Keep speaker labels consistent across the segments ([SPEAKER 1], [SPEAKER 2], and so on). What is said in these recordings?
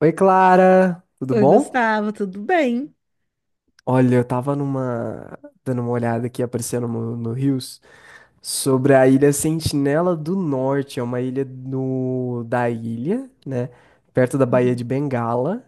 [SPEAKER 1] Oi, Clara, tudo
[SPEAKER 2] Oi,
[SPEAKER 1] bom?
[SPEAKER 2] Gustavo, tudo bem?
[SPEAKER 1] Olha, eu tava numa dando uma olhada aqui aparecendo no Rios sobre a Ilha Sentinela do Norte, é uma ilha no da ilha, né, perto da Baía de
[SPEAKER 2] Uhum.
[SPEAKER 1] Bengala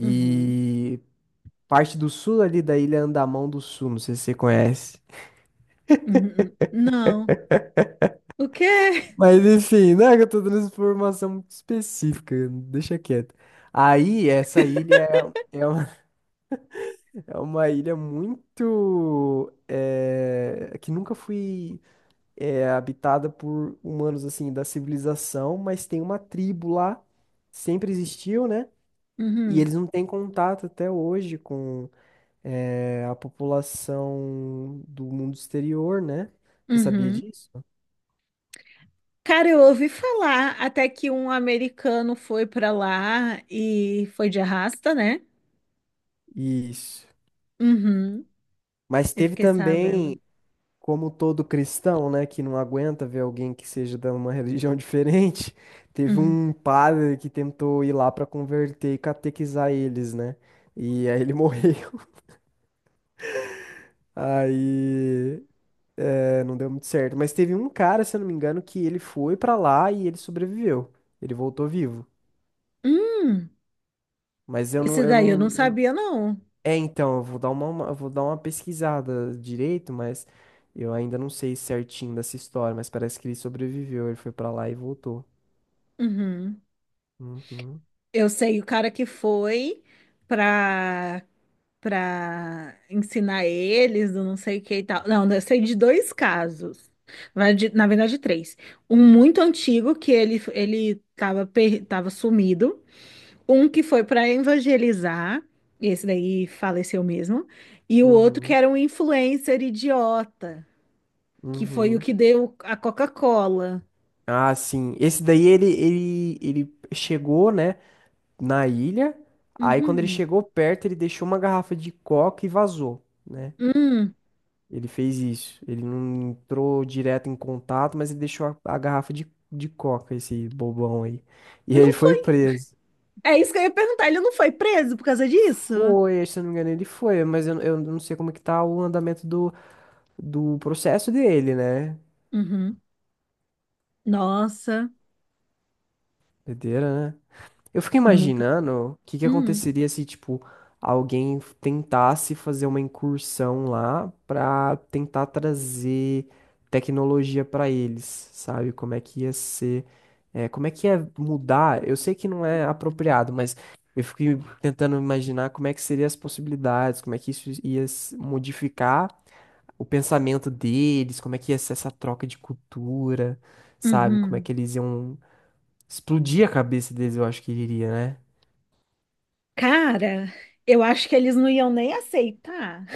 [SPEAKER 2] Uhum.
[SPEAKER 1] parte do sul ali da Ilha Andamão do Sul, não sei se você conhece.
[SPEAKER 2] Uhum. Não. O quê?
[SPEAKER 1] Mas enfim, né, que eu tô dando essa informação muito específica, deixa quieto. Aí, essa ilha é, é uma é uma ilha muito que nunca foi habitada por humanos assim da civilização, mas tem uma tribo lá, sempre existiu, né? E
[SPEAKER 2] Uhum.
[SPEAKER 1] eles não têm contato até hoje com a população do mundo exterior, né? Você sabia
[SPEAKER 2] Uhum.
[SPEAKER 1] disso?
[SPEAKER 2] Cara, eu ouvi falar até que um americano foi pra lá e foi de arrasta, né?
[SPEAKER 1] Isso.
[SPEAKER 2] Uhum.
[SPEAKER 1] Mas
[SPEAKER 2] Eu
[SPEAKER 1] teve
[SPEAKER 2] fiquei sabendo.
[SPEAKER 1] também, como todo cristão, né, que não aguenta ver alguém que seja de uma religião diferente, teve
[SPEAKER 2] Uhum.
[SPEAKER 1] um padre que tentou ir lá para converter e catequizar eles, né? E aí ele morreu. Aí é, não deu muito certo. Mas teve um cara, se eu não me engano, que ele foi para lá e ele sobreviveu. Ele voltou vivo.
[SPEAKER 2] Hum,
[SPEAKER 1] Mas eu
[SPEAKER 2] esse
[SPEAKER 1] não, eu
[SPEAKER 2] daí eu não
[SPEAKER 1] não. eu não-
[SPEAKER 2] sabia, não.
[SPEAKER 1] É, então, eu vou dar uma pesquisada direito, mas eu ainda não sei certinho dessa história, mas parece que ele sobreviveu. Ele foi para lá e voltou.
[SPEAKER 2] Uhum.
[SPEAKER 1] Uhum,
[SPEAKER 2] Eu sei o cara que foi pra para ensinar eles, do não sei o que e tal. Não, eu sei de dois casos. na verdade três. Um muito antigo, que ele tava sumido. Um que foi para evangelizar, e esse daí faleceu mesmo. E o outro que
[SPEAKER 1] uhum,
[SPEAKER 2] era um influencer idiota, que foi o
[SPEAKER 1] uhum.
[SPEAKER 2] que deu a Coca-Cola.
[SPEAKER 1] Ah, sim. Esse daí ele chegou, né, na ilha. Aí quando ele
[SPEAKER 2] Uhum.
[SPEAKER 1] chegou perto, ele deixou uma garrafa de coca e vazou, né?
[SPEAKER 2] Hum.
[SPEAKER 1] Ele fez isso. Ele não entrou direto em contato, mas ele deixou a garrafa de coca, esse bobão aí. E aí
[SPEAKER 2] Não
[SPEAKER 1] ele foi
[SPEAKER 2] foi.
[SPEAKER 1] preso.
[SPEAKER 2] É isso que eu ia perguntar. Ele não foi preso por causa disso?
[SPEAKER 1] Foi, se eu não me engano, ele foi, mas eu não sei como é que tá o andamento do, do processo dele, né?
[SPEAKER 2] Uhum. Nossa,
[SPEAKER 1] Doideira, né? Eu fico
[SPEAKER 2] nunca.
[SPEAKER 1] imaginando o que que
[SPEAKER 2] Hum.
[SPEAKER 1] aconteceria se, tipo, alguém tentasse fazer uma incursão lá pra tentar trazer tecnologia pra eles, sabe? Como é que ia ser, é, como é que ia mudar? Eu sei que não é apropriado, mas eu fico tentando imaginar como é que seriam as possibilidades, como é que isso ia s- modificar o pensamento deles, como é que ia ser essa troca de cultura, sabe? Como é
[SPEAKER 2] Uhum.
[SPEAKER 1] que eles iam explodir a cabeça deles, eu acho que iria, né?
[SPEAKER 2] Cara, eu acho que eles não iam nem aceitar.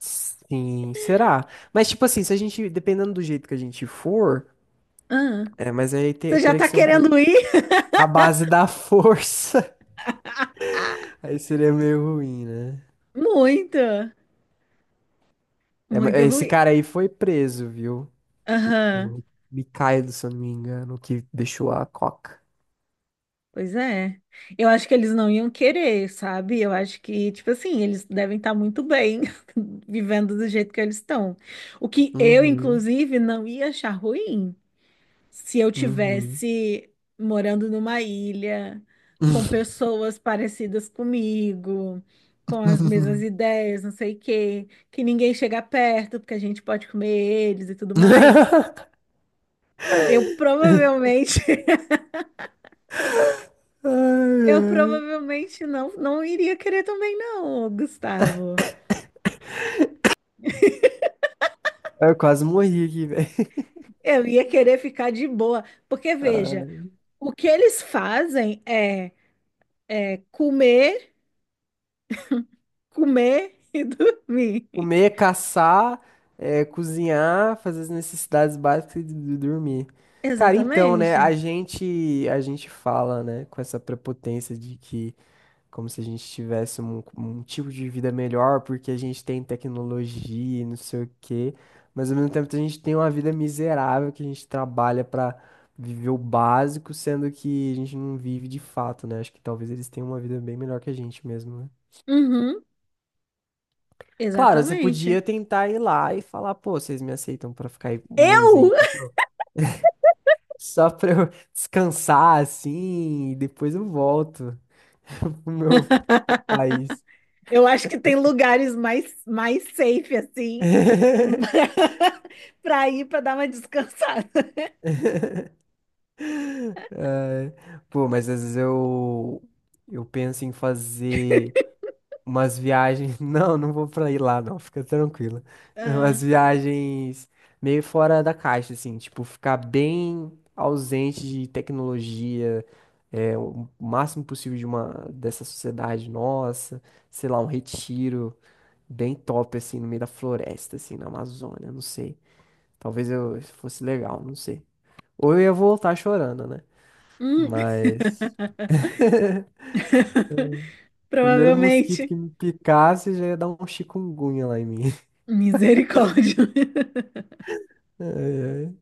[SPEAKER 1] Sim, será? Mas, tipo assim, se a gente, dependendo do jeito que a gente for,
[SPEAKER 2] Ah,
[SPEAKER 1] é, mas
[SPEAKER 2] você já
[SPEAKER 1] teria que
[SPEAKER 2] tá
[SPEAKER 1] ser um pouco
[SPEAKER 2] querendo ir?
[SPEAKER 1] na base da força. Aí seria meio ruim, né?
[SPEAKER 2] Muito,
[SPEAKER 1] É, mas
[SPEAKER 2] muito
[SPEAKER 1] esse
[SPEAKER 2] ruim.
[SPEAKER 1] cara aí foi preso, viu?
[SPEAKER 2] Aham,
[SPEAKER 1] O Mikhailo, se eu não me engano, o que deixou a coca.
[SPEAKER 2] pois é. Eu acho que eles não iam querer, sabe? Eu acho que, tipo assim, eles devem estar muito bem vivendo do jeito que eles estão. O que eu,
[SPEAKER 1] Uhum,
[SPEAKER 2] inclusive, não ia achar ruim, se eu
[SPEAKER 1] uhum.
[SPEAKER 2] tivesse morando numa ilha com pessoas parecidas comigo, com as mesmas ideias, não sei o quê, que ninguém chega perto, porque a gente pode comer eles e tudo mais, eu provavelmente,
[SPEAKER 1] Ai, ai.
[SPEAKER 2] eu provavelmente não, não iria querer também não, Gustavo.
[SPEAKER 1] Eu quase morri aqui, velho.
[SPEAKER 2] Eu ia querer ficar de boa, porque veja, o que eles fazem é comer, comer e dormir.
[SPEAKER 1] Comer, caçar, cozinhar, fazer as necessidades básicas e dormir. Cara, então, né,
[SPEAKER 2] Exatamente.
[SPEAKER 1] a gente fala, né, com essa prepotência de que, como se a gente tivesse um tipo de vida melhor porque a gente tem tecnologia e não sei o quê, mas ao mesmo tempo a gente tem uma vida miserável que a gente trabalha pra viver o básico, sendo que a gente não vive de fato, né? Acho que talvez eles tenham uma vida bem melhor que a gente mesmo, né?
[SPEAKER 2] Uhum.
[SPEAKER 1] Claro, você
[SPEAKER 2] Exatamente.
[SPEAKER 1] podia tentar ir lá e falar, pô, vocês me aceitam pra ficar aí um mês
[SPEAKER 2] Eu?
[SPEAKER 1] aí, só pra eu descansar assim, e depois eu volto pro meu país.
[SPEAKER 2] Eu acho que tem lugares mais, mais safe, assim, para ir para dar uma descansada.
[SPEAKER 1] Pô, mas às vezes eu penso em fazer umas viagens. Não, não vou pra ir lá, não, fica tranquila.
[SPEAKER 2] Ah,
[SPEAKER 1] Umas viagens meio fora da caixa, assim, tipo, ficar bem ausente de tecnologia, é, o máximo possível de uma dessa sociedade nossa, sei lá, um retiro bem top, assim, no meio da floresta, assim, na Amazônia, não sei. Talvez eu fosse legal, não sei. Ou eu ia voltar chorando, né?
[SPEAKER 2] hum.
[SPEAKER 1] Mas. Primeiro mosquito que
[SPEAKER 2] Provavelmente.
[SPEAKER 1] me picasse já ia dar um chikungunya lá em mim.
[SPEAKER 2] Misericórdia.
[SPEAKER 1] Ai, ai.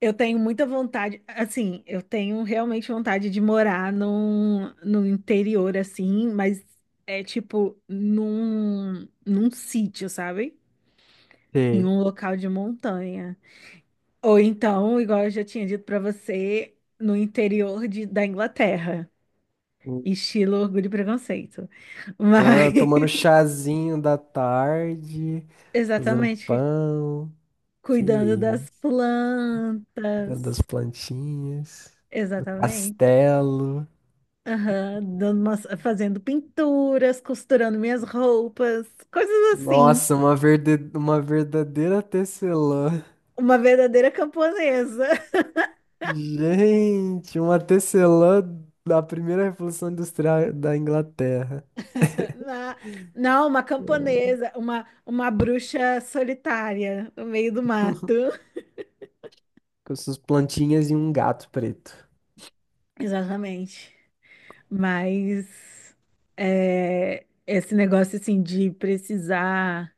[SPEAKER 2] Eu tenho muita vontade, assim, eu tenho realmente vontade de morar no interior, assim, mas é tipo num sítio, sabe? Em
[SPEAKER 1] Sei.
[SPEAKER 2] um local de montanha. Ou então, igual eu já tinha dito pra você, no interior da Inglaterra, estilo Orgulho e Preconceito. Mas,
[SPEAKER 1] Ah, tomando chazinho da tarde, fazendo
[SPEAKER 2] exatamente,
[SPEAKER 1] pão, que
[SPEAKER 2] cuidando das
[SPEAKER 1] isso, cuidando das
[SPEAKER 2] plantas.
[SPEAKER 1] plantinhas, do
[SPEAKER 2] Exatamente.
[SPEAKER 1] castelo.
[SPEAKER 2] Aham, fazendo pinturas, costurando minhas roupas, coisas assim.
[SPEAKER 1] Nossa, uma verdadeira tecelã.
[SPEAKER 2] Uma verdadeira camponesa.
[SPEAKER 1] Gente, uma tecelã da primeira Revolução Industrial da Inglaterra,
[SPEAKER 2] Na- não, uma camponesa, uma bruxa solitária no meio do mato.
[SPEAKER 1] com suas plantinhas e um gato preto.
[SPEAKER 2] Exatamente. Mas é, esse negócio assim de precisar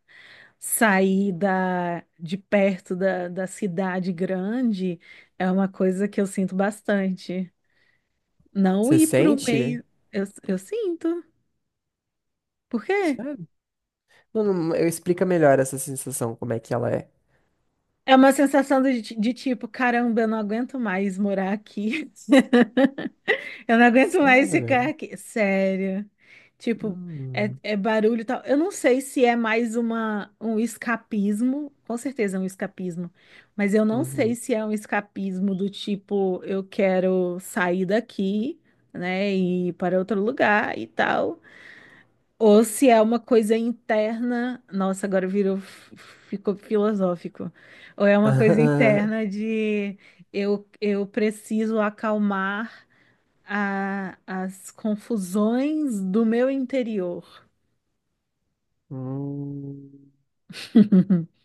[SPEAKER 2] sair de perto da cidade grande é uma coisa que eu sinto bastante. Não
[SPEAKER 1] Você
[SPEAKER 2] ir para o
[SPEAKER 1] sente?
[SPEAKER 2] meio, eu sinto. Por quê?
[SPEAKER 1] Sério? Não, não, eu explica melhor essa sensação, como é que ela é.
[SPEAKER 2] É uma sensação de tipo, caramba, eu não aguento mais morar aqui. Eu não aguento mais
[SPEAKER 1] Sério?
[SPEAKER 2] ficar aqui. Sério. Tipo, é,
[SPEAKER 1] Hum,
[SPEAKER 2] é barulho e tal. Eu não sei se é mais um escapismo. Com certeza é um escapismo. Mas eu não sei
[SPEAKER 1] uhum.
[SPEAKER 2] se é um escapismo do tipo, eu quero sair daqui, né? E ir para outro lugar e tal. Ou se é uma coisa interna. Nossa, agora virou, ficou filosófico. Ou é uma coisa interna de eu preciso acalmar as confusões do meu interior.
[SPEAKER 1] Hum,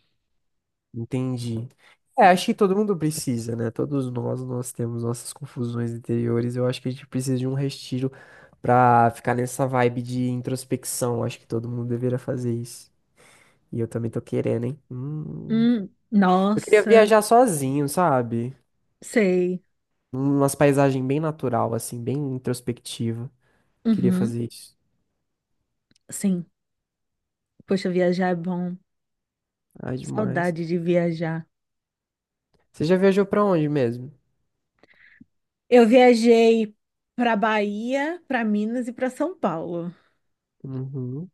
[SPEAKER 1] entendi. É, acho que todo mundo precisa, né? Todos nós, nós temos nossas confusões interiores. Eu acho que a gente precisa de um retiro pra ficar nessa vibe de introspecção. Acho que todo mundo deveria fazer isso. E eu também tô querendo, hein? Hum. Eu queria
[SPEAKER 2] Nossa,
[SPEAKER 1] viajar sozinho, sabe?
[SPEAKER 2] sei.
[SPEAKER 1] Umas paisagens bem natural, assim, bem introspectiva. Queria
[SPEAKER 2] Uhum,
[SPEAKER 1] fazer isso.
[SPEAKER 2] sim. Poxa, viajar é bom.
[SPEAKER 1] Ah, demais.
[SPEAKER 2] Saudade de viajar.
[SPEAKER 1] Você já viajou pra onde mesmo?
[SPEAKER 2] Eu viajei para Bahia, para Minas e para São Paulo.
[SPEAKER 1] Uhum.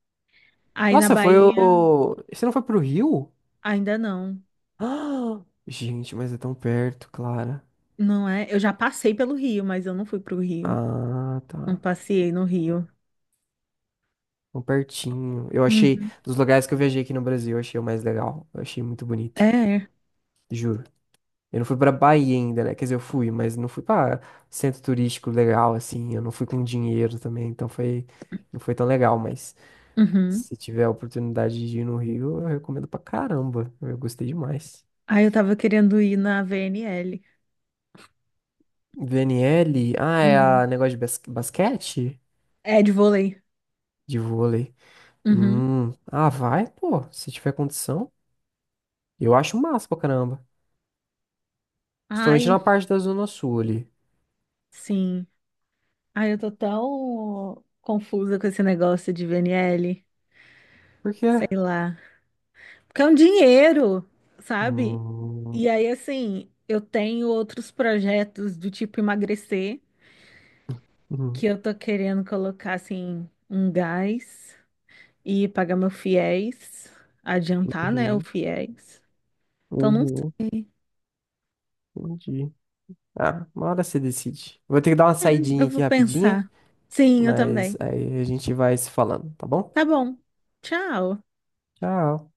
[SPEAKER 2] Aí na
[SPEAKER 1] Nossa, foi
[SPEAKER 2] Bahia,
[SPEAKER 1] o. Você não foi pro Rio?
[SPEAKER 2] ainda não.
[SPEAKER 1] Ah, gente, mas é tão perto, Clara.
[SPEAKER 2] Não é? Eu já passei pelo Rio, mas eu não fui pro Rio.
[SPEAKER 1] Ah,
[SPEAKER 2] Não
[SPEAKER 1] tá.
[SPEAKER 2] passei no Rio.
[SPEAKER 1] Tão pertinho. Eu achei,
[SPEAKER 2] Uhum.
[SPEAKER 1] dos lugares que eu viajei aqui no Brasil, eu achei o mais legal. Eu achei muito
[SPEAKER 2] É.
[SPEAKER 1] bonito,
[SPEAKER 2] É.
[SPEAKER 1] juro. Eu não fui pra Bahia ainda, né? Quer dizer, eu fui, mas não fui pra centro turístico legal, assim. Eu não fui com dinheiro também, então foi. Não foi tão legal, mas
[SPEAKER 2] Uhum.
[SPEAKER 1] se tiver a oportunidade de ir no Rio, eu recomendo pra caramba. Eu gostei demais.
[SPEAKER 2] Aí eu tava querendo ir na VNL.
[SPEAKER 1] VNL? Ah, é
[SPEAKER 2] Uhum.
[SPEAKER 1] a negócio de basquete?
[SPEAKER 2] É de vôlei.
[SPEAKER 1] De vôlei.
[SPEAKER 2] Uhum.
[SPEAKER 1] Hum. Ah, vai, pô, se tiver condição. Eu acho massa pra caramba. Principalmente
[SPEAKER 2] Ai,
[SPEAKER 1] na parte da Zona Sul ali.
[SPEAKER 2] sim. Ai, eu tô tão confusa com esse negócio de VNL,
[SPEAKER 1] Por quê?
[SPEAKER 2] sei lá. Porque é um dinheiro, sabe?
[SPEAKER 1] Hum.
[SPEAKER 2] E aí, assim, eu tenho outros projetos do tipo emagrecer, que
[SPEAKER 1] Uhum.
[SPEAKER 2] eu tô querendo colocar, assim, um gás e pagar meu fiéis, adiantar, né, o
[SPEAKER 1] Uhum.
[SPEAKER 2] fiéis. Então, não
[SPEAKER 1] Uhum.
[SPEAKER 2] sei.
[SPEAKER 1] Entendi. Ah, uma hora você decide. Vou ter que dar uma
[SPEAKER 2] É, eu
[SPEAKER 1] saidinha aqui
[SPEAKER 2] vou
[SPEAKER 1] rapidinha,
[SPEAKER 2] pensar. Sim, eu
[SPEAKER 1] mas
[SPEAKER 2] também.
[SPEAKER 1] aí a gente vai se falando, tá bom?
[SPEAKER 2] Tá bom. Tchau.
[SPEAKER 1] Tchau.